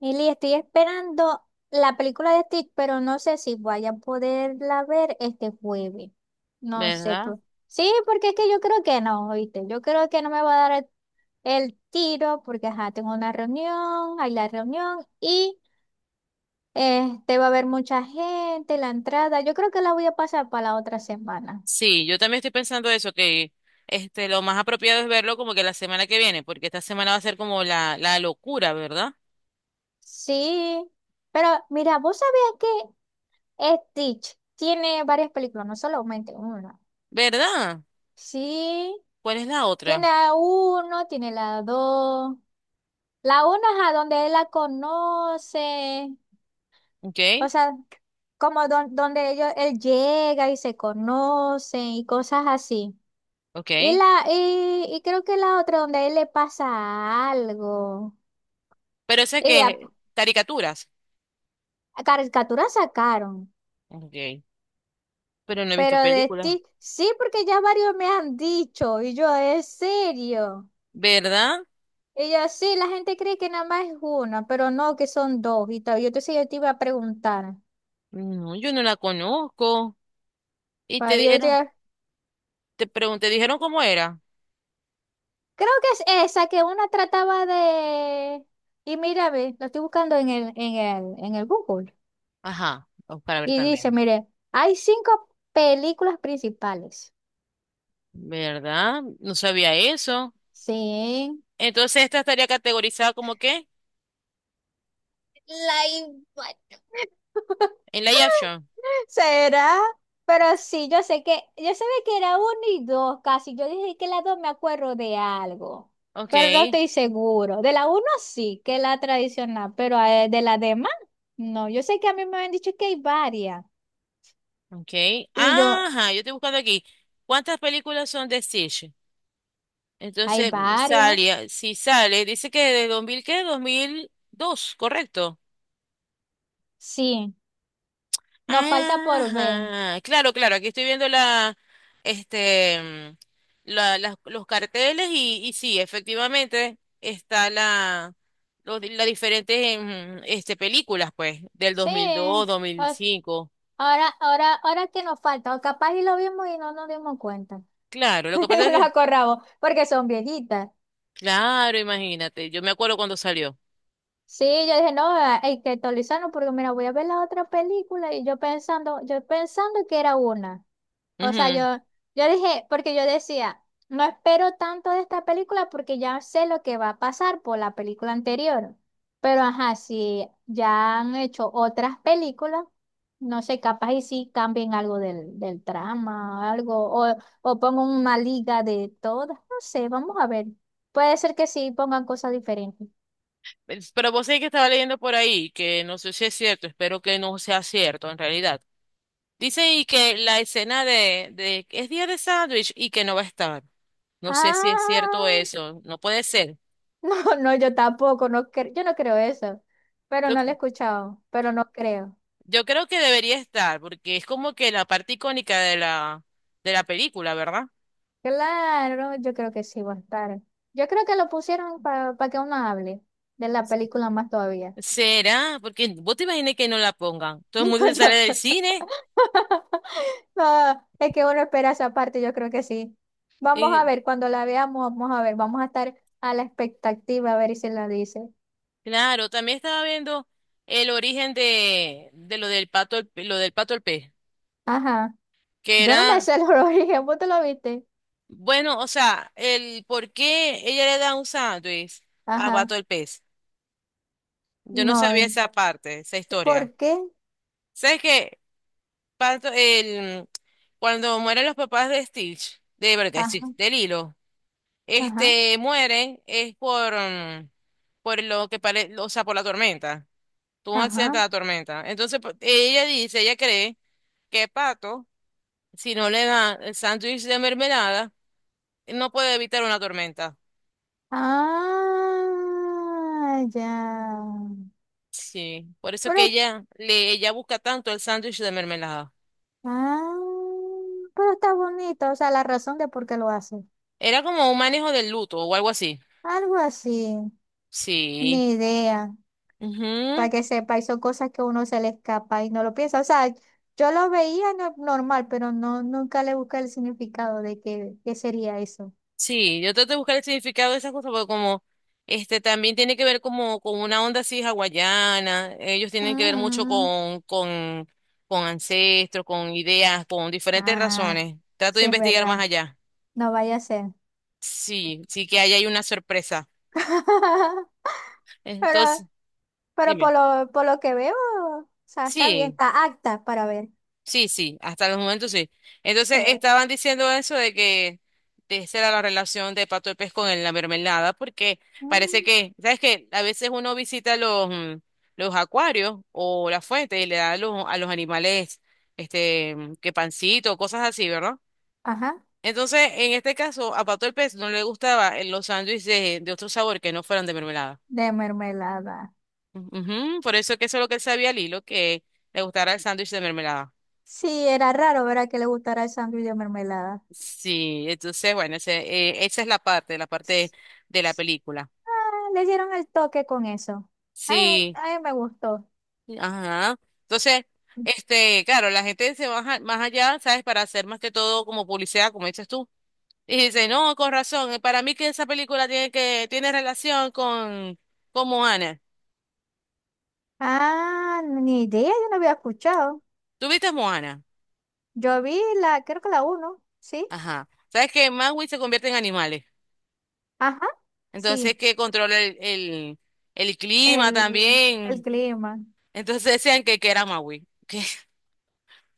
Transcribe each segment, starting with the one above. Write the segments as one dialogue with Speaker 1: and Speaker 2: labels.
Speaker 1: Mili, estoy esperando la película de Stitch, pero no sé si vaya a poderla ver este jueves. No sé.
Speaker 2: ¿Verdad?
Speaker 1: Pues. Sí, porque es que yo creo que no, ¿oíste? Yo creo que no me va a dar el tiro porque, ajá, tengo una reunión, hay la reunión y este va a haber mucha gente, la entrada. Yo creo que la voy a pasar para la otra semana.
Speaker 2: Sí, yo también estoy pensando eso, que lo más apropiado es verlo como que la semana que viene, porque esta semana va a ser como la locura, ¿verdad?
Speaker 1: Sí, pero mira, ¿vos sabías que Stitch tiene varias películas, no solamente una?
Speaker 2: ¿Verdad?
Speaker 1: Sí.
Speaker 2: ¿Cuál es la otra?
Speaker 1: Tiene a uno, tiene la dos. La uno es a donde él la conoce.
Speaker 2: Ok.
Speaker 1: O sea, como donde ellos, él llega y se conoce y cosas así. Y
Speaker 2: Ok.
Speaker 1: la, y, y creo que la otra donde a él le pasa algo.
Speaker 2: Pero esa
Speaker 1: Y a,
Speaker 2: que caricaturas.
Speaker 1: a caricatura sacaron.
Speaker 2: Ok. Pero no he visto
Speaker 1: Pero de
Speaker 2: películas.
Speaker 1: ti, sí, porque ya varios me han dicho. Y yo, ¿es serio?
Speaker 2: ¿Verdad?
Speaker 1: Y yo, sí, la gente cree que nada más es una, pero no, que son dos. Y tal. Y entonces yo te iba a preguntar.
Speaker 2: No, yo no la conozco. Y te
Speaker 1: Ah, yo
Speaker 2: dijeron, te pregunté, ¿dijeron cómo era?
Speaker 1: creo que es esa que una trataba de... Y mira, ve, lo estoy buscando en el Google.
Speaker 2: Ajá, o para ver
Speaker 1: Y dice,
Speaker 2: también.
Speaker 1: mire, hay cinco películas principales.
Speaker 2: ¿Verdad? No sabía eso.
Speaker 1: Sí.
Speaker 2: Entonces esta estaría categorizada ¿como qué?
Speaker 1: Live.
Speaker 2: En la action.
Speaker 1: ¿Será? Pero sí, yo sé que, yo sabía que era uno y dos casi. Yo dije que la dos me acuerdo de algo,
Speaker 2: Ok.
Speaker 1: pero no estoy seguro. De la uno sí, que es la tradicional, pero de la demás, no. Yo sé que a mí me han dicho que hay varias.
Speaker 2: Ok.
Speaker 1: Y yo,
Speaker 2: Ajá, yo estoy buscando aquí. ¿Cuántas películas son de Stitch?
Speaker 1: hay
Speaker 2: Entonces,
Speaker 1: varias.
Speaker 2: sale, si sale, dice que de 2000 ¿qué? 2002, correcto.
Speaker 1: Sí, nos falta por ver.
Speaker 2: Ajá, claro, claro, aquí estoy viendo este, mm, los carteles y sí, efectivamente está las diferentes, películas, pues, del dos
Speaker 1: Sí,
Speaker 2: mil dos, dos mil
Speaker 1: o sea,
Speaker 2: cinco.
Speaker 1: ahora, ahora, ahora que nos falta, o capaz y lo vimos y no nos dimos cuenta.
Speaker 2: Claro, lo que
Speaker 1: No
Speaker 2: pasa es
Speaker 1: nos
Speaker 2: que,
Speaker 1: acordamos, porque son viejitas.
Speaker 2: claro, imagínate, yo me acuerdo cuando salió.
Speaker 1: Sí, yo dije, no, ah, hay que actualizarlo porque mira, voy a ver la otra película y yo pensando que era una. O sea,
Speaker 2: Ujú.
Speaker 1: yo dije, porque yo decía, no espero tanto de esta película porque ya sé lo que va a pasar por la película anterior. Pero ajá, si ya han hecho otras películas, no sé, capaz y sí cambien algo del trama, algo, o, o pongan una liga de todas, no sé, vamos a ver. Puede ser que sí pongan cosas diferentes.
Speaker 2: Pero vos sabés que estaba leyendo por ahí, que no sé si es cierto, espero que no sea cierto en realidad. Dice y que la escena de es día de sándwich y que no va a estar. No sé si es cierto
Speaker 1: Ah.
Speaker 2: eso, no puede ser.
Speaker 1: No, no, yo tampoco, no yo no creo eso, pero
Speaker 2: Yo,
Speaker 1: no lo he escuchado, pero no creo.
Speaker 2: yo creo que debería estar, porque es como que la parte icónica de la película, ¿verdad?
Speaker 1: Claro, yo creo que sí va a estar. Yo creo que lo pusieron para que uno hable de la película más todavía.
Speaker 2: ¿Será? Porque vos te imaginas que no la pongan. Todo el
Speaker 1: No,
Speaker 2: mundo se sale
Speaker 1: yo.
Speaker 2: del cine.
Speaker 1: No, es que uno espera esa parte, yo creo que sí. Vamos a
Speaker 2: Y
Speaker 1: ver, cuando la veamos, vamos a ver, vamos a estar a la expectativa a ver si la dice.
Speaker 2: claro, también estaba viendo el origen de lo del pato, lo del pato al pez.
Speaker 1: Ajá,
Speaker 2: Que
Speaker 1: yo no me
Speaker 2: era,
Speaker 1: sé el origen, ¿vos te lo viste?
Speaker 2: bueno, o sea, el por qué ella le da un sándwich a
Speaker 1: Ajá,
Speaker 2: Pato el pez. Yo no sabía
Speaker 1: no,
Speaker 2: esa parte, esa historia.
Speaker 1: ¿por qué?
Speaker 2: ¿Sabes qué? Pato, el, cuando mueren los papás de Stitch, de, verdad, de Stitch,
Speaker 1: Ajá,
Speaker 2: de Lilo,
Speaker 1: ajá,
Speaker 2: mueren es por, por lo que parece, o sea, por la tormenta. Tuvo un accidente de
Speaker 1: ajá.
Speaker 2: la tormenta. Entonces, ella dice, ella cree que Pato, si no le da el sándwich de mermelada, no puede evitar una tormenta.
Speaker 1: Ah, ya.
Speaker 2: Sí, por eso
Speaker 1: Pero,
Speaker 2: que ella busca tanto el sándwich de mermelada.
Speaker 1: ah, pero está bonito, o sea, la razón de por qué lo hace.
Speaker 2: Era como un manejo del luto o algo así.
Speaker 1: Algo así,
Speaker 2: Sí.
Speaker 1: ni idea,
Speaker 2: Ujú.
Speaker 1: para que sepa, y son cosas que a uno se le escapa y no lo piensa. O sea, yo lo veía normal, pero no, nunca le busqué el significado de qué, qué sería eso.
Speaker 2: Sí, yo trato de buscar el significado de esas cosas porque como este también tiene que ver como con una onda así hawaiana, ellos tienen que ver mucho
Speaker 1: Ujú.
Speaker 2: con ancestros, con ideas, con diferentes
Speaker 1: Ah,
Speaker 2: razones. Trato de
Speaker 1: sí es
Speaker 2: investigar más
Speaker 1: verdad,
Speaker 2: allá.
Speaker 1: no vaya a ser.
Speaker 2: Sí, sí que ahí hay una sorpresa.
Speaker 1: Pero,
Speaker 2: Entonces,
Speaker 1: pero
Speaker 2: dime.
Speaker 1: por lo que veo, o sea, está bien,
Speaker 2: Sí.
Speaker 1: está acta para ver.
Speaker 2: Sí, sí, hasta los momentos sí. Entonces
Speaker 1: Sí.
Speaker 2: estaban diciendo eso de que de esa era la relación de Pato de Pez con la mermelada, porque parece
Speaker 1: Mm,
Speaker 2: que, ¿sabes qué? A veces uno visita los acuarios o la fuente y le da a a los animales que pancito, cosas así, ¿verdad?
Speaker 1: ajá,
Speaker 2: Entonces, en este caso, a Pato el Pez no le gustaba los sándwiches de otro sabor que no fueran de mermelada.
Speaker 1: de mermelada.
Speaker 2: Ujú, por eso que eso es lo que él sabía Lilo, que le gustara el sándwich de mermelada.
Speaker 1: Sí, era raro, ¿verdad? Que le gustara el sándwich de mermelada.
Speaker 2: Sí, entonces, bueno, esa es la parte de la película.
Speaker 1: Ah, le dieron el toque con eso. Ay,
Speaker 2: Sí,
Speaker 1: ay, me gustó.
Speaker 2: ajá. Entonces, claro, la gente se va más allá, ¿sabes? Para hacer más que todo como publicidad, como dices tú. Y dice, no, con razón, para mí que esa película tiene relación con Moana.
Speaker 1: Ah, ni idea, yo no había escuchado.
Speaker 2: ¿Tú viste Moana?
Speaker 1: Yo vi la, creo que la uno, ¿sí?
Speaker 2: Ajá. ¿Sabes que Maui se convierte en animales?
Speaker 1: Ajá,
Speaker 2: Entonces,
Speaker 1: sí,
Speaker 2: que controla el clima
Speaker 1: el
Speaker 2: también.
Speaker 1: clima.
Speaker 2: Entonces decían que era Maui. Que...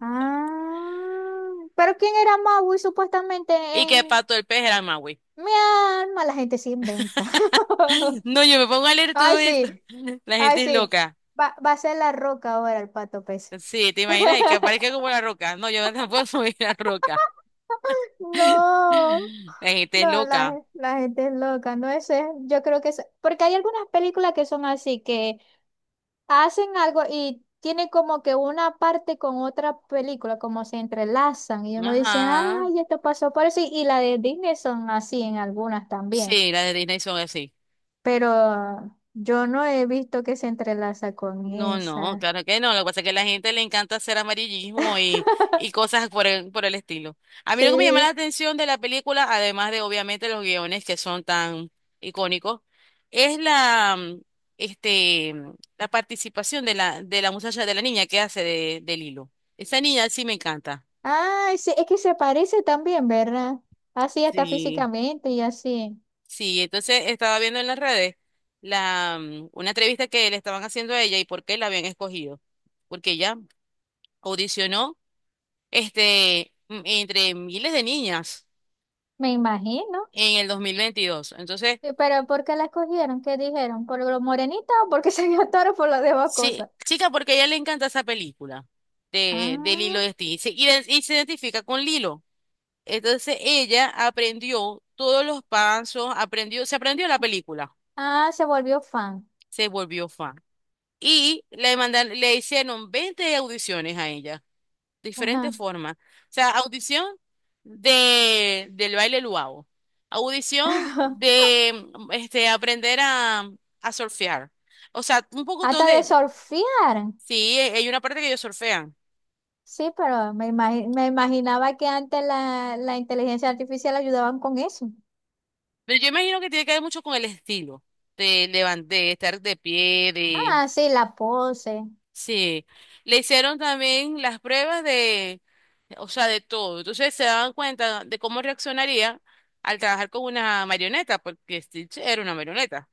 Speaker 1: Ah, pero ¿quién era Maui supuestamente
Speaker 2: y que
Speaker 1: en
Speaker 2: Pato el Pez era Maui.
Speaker 1: mi alma? La gente se inventa.
Speaker 2: No, yo me pongo a leer todo
Speaker 1: Ay,
Speaker 2: esto.
Speaker 1: sí,
Speaker 2: La
Speaker 1: ay,
Speaker 2: gente es
Speaker 1: sí.
Speaker 2: loca.
Speaker 1: Va a ser la roca ahora el pato pez.
Speaker 2: Sí, ¿te imaginas? Y que aparezca como la roca. No, yo no puedo subir la roca.
Speaker 1: No,
Speaker 2: La gente es
Speaker 1: no,
Speaker 2: loca.
Speaker 1: la gente es loca, no es, yo creo que es, porque hay algunas películas que son así, que hacen algo y tienen como que una parte con otra película, como se entrelazan y uno dice,
Speaker 2: Ajá.
Speaker 1: ay, esto pasó por eso, y la de Disney son así en algunas también,
Speaker 2: Sí, las de Disney son así.
Speaker 1: pero yo no he visto que se entrelaza con
Speaker 2: No, no,
Speaker 1: esa.
Speaker 2: claro que no. Lo que pasa es que a la gente le encanta hacer amarillismo y cosas por el estilo. A mí lo que me llama la
Speaker 1: Sí.
Speaker 2: atención de la película, además de obviamente los guiones que son tan icónicos, es la, mm, este, mm, la participación de la muchacha, de la niña que hace de Lilo. Esa niña sí me encanta.
Speaker 1: Ay, sí, es que se parece también, ¿verdad? Así hasta
Speaker 2: Sí,
Speaker 1: físicamente y así.
Speaker 2: sí. Entonces estaba viendo en las redes una entrevista que le estaban haciendo a ella y por qué la habían escogido. Porque ella audicionó entre miles de niñas
Speaker 1: Me imagino.
Speaker 2: en el 2022. Entonces,
Speaker 1: Sí, pero ¿por qué la escogieron? ¿Qué dijeron? ¿Por lo morenita o porque se vio toro por las demás
Speaker 2: sí,
Speaker 1: cosas?
Speaker 2: chica, porque a ella le encanta esa película de
Speaker 1: Ah,
Speaker 2: Lilo y Stitch. Y se identifica con Lilo. Entonces, ella aprendió todos los pasos, aprendió, se aprendió la película,
Speaker 1: ah, se volvió fan.
Speaker 2: se volvió fan. Le hicieron 20 audiciones a ella.
Speaker 1: Ajá.
Speaker 2: Diferentes formas. O sea, audición del baile luau, audición de aprender a surfear. O sea, un poco
Speaker 1: Hasta de
Speaker 2: donde,
Speaker 1: surfear.
Speaker 2: sí, hay una parte que ellos surfean,
Speaker 1: Sí, pero me me imaginaba que antes la inteligencia artificial ayudaban con eso.
Speaker 2: pero yo imagino que tiene que ver mucho con el estilo de, levantar, de estar de pie, de...
Speaker 1: Ah, sí, la pose.
Speaker 2: Sí, le hicieron también las pruebas de, o sea, de todo. Entonces se daban cuenta de cómo reaccionaría al trabajar con una marioneta, porque Stitch era una marioneta.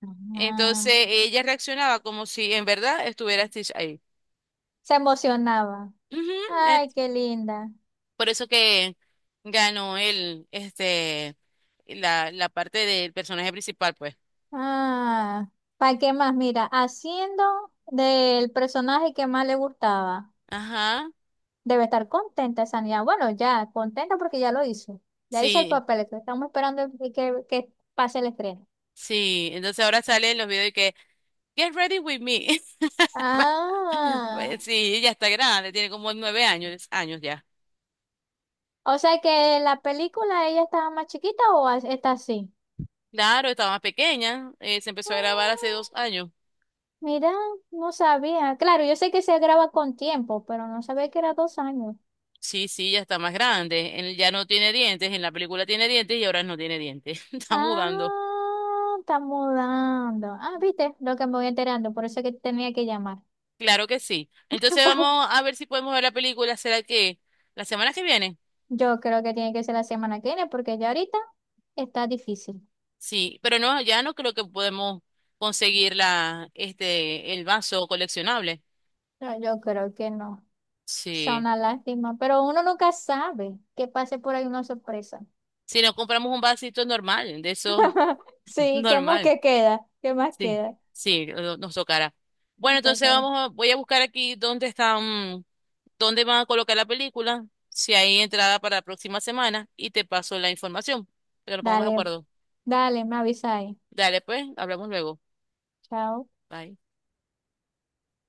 Speaker 1: Ajá.
Speaker 2: Entonces ella reaccionaba como si en verdad estuviera Stitch ahí.
Speaker 1: Se emocionaba.
Speaker 2: Ujú. eh,
Speaker 1: Ay, qué linda.
Speaker 2: Por eso que ganó la parte del personaje principal, pues.
Speaker 1: Ah, ¿para qué más? Mira, haciendo del personaje que más le gustaba.
Speaker 2: Ajá,
Speaker 1: Debe estar contenta esa niña. Bueno, ya, contenta porque ya lo hizo. Ya hizo el
Speaker 2: sí,
Speaker 1: papel, que estamos esperando que pase el estreno.
Speaker 2: sí. Entonces ahora sale en los videos y que, Get ready with me.
Speaker 1: Ah,
Speaker 2: Pues sí, ella está grande, tiene como 9 años, años ya.
Speaker 1: o sea que la película ella estaba más chiquita o está así.
Speaker 2: Claro, estaba más pequeña, se empezó a grabar hace
Speaker 1: Ah,
Speaker 2: 2 años.
Speaker 1: mira, no sabía. Claro, yo sé que se graba con tiempo, pero no sabía que era 2 años.
Speaker 2: Sí, sí, ya está más grande. Él ya no tiene dientes, en la película tiene dientes y ahora no tiene dientes. Está mudando.
Speaker 1: Ah, está mudando. Ah, viste lo que me voy enterando, por eso que tenía que llamar.
Speaker 2: Claro que sí. Entonces vamos a ver si podemos ver la película. ¿Será que la semana que viene?
Speaker 1: Yo creo que tiene que ser la semana que viene, porque ya ahorita está difícil.
Speaker 2: Sí, pero no, ya no creo que podemos conseguir el vaso coleccionable.
Speaker 1: No, yo creo que no. Es
Speaker 2: Sí.
Speaker 1: una lástima, pero uno nunca sabe que pase por ahí una sorpresa.
Speaker 2: Si nos compramos un vasito normal, de eso
Speaker 1: Sí, ¿qué más
Speaker 2: normal.
Speaker 1: que queda? ¿Qué más
Speaker 2: Sí,
Speaker 1: queda?
Speaker 2: sí, nos tocará. Bueno,
Speaker 1: Puta,
Speaker 2: entonces
Speaker 1: cara.
Speaker 2: voy a buscar aquí dónde van a colocar la película, si hay entrada para la próxima semana y te paso la información, para que nos pongamos de
Speaker 1: Dale,
Speaker 2: acuerdo.
Speaker 1: dale, me avisa ahí.
Speaker 2: Dale, pues, hablamos luego.
Speaker 1: Chao.
Speaker 2: Bye.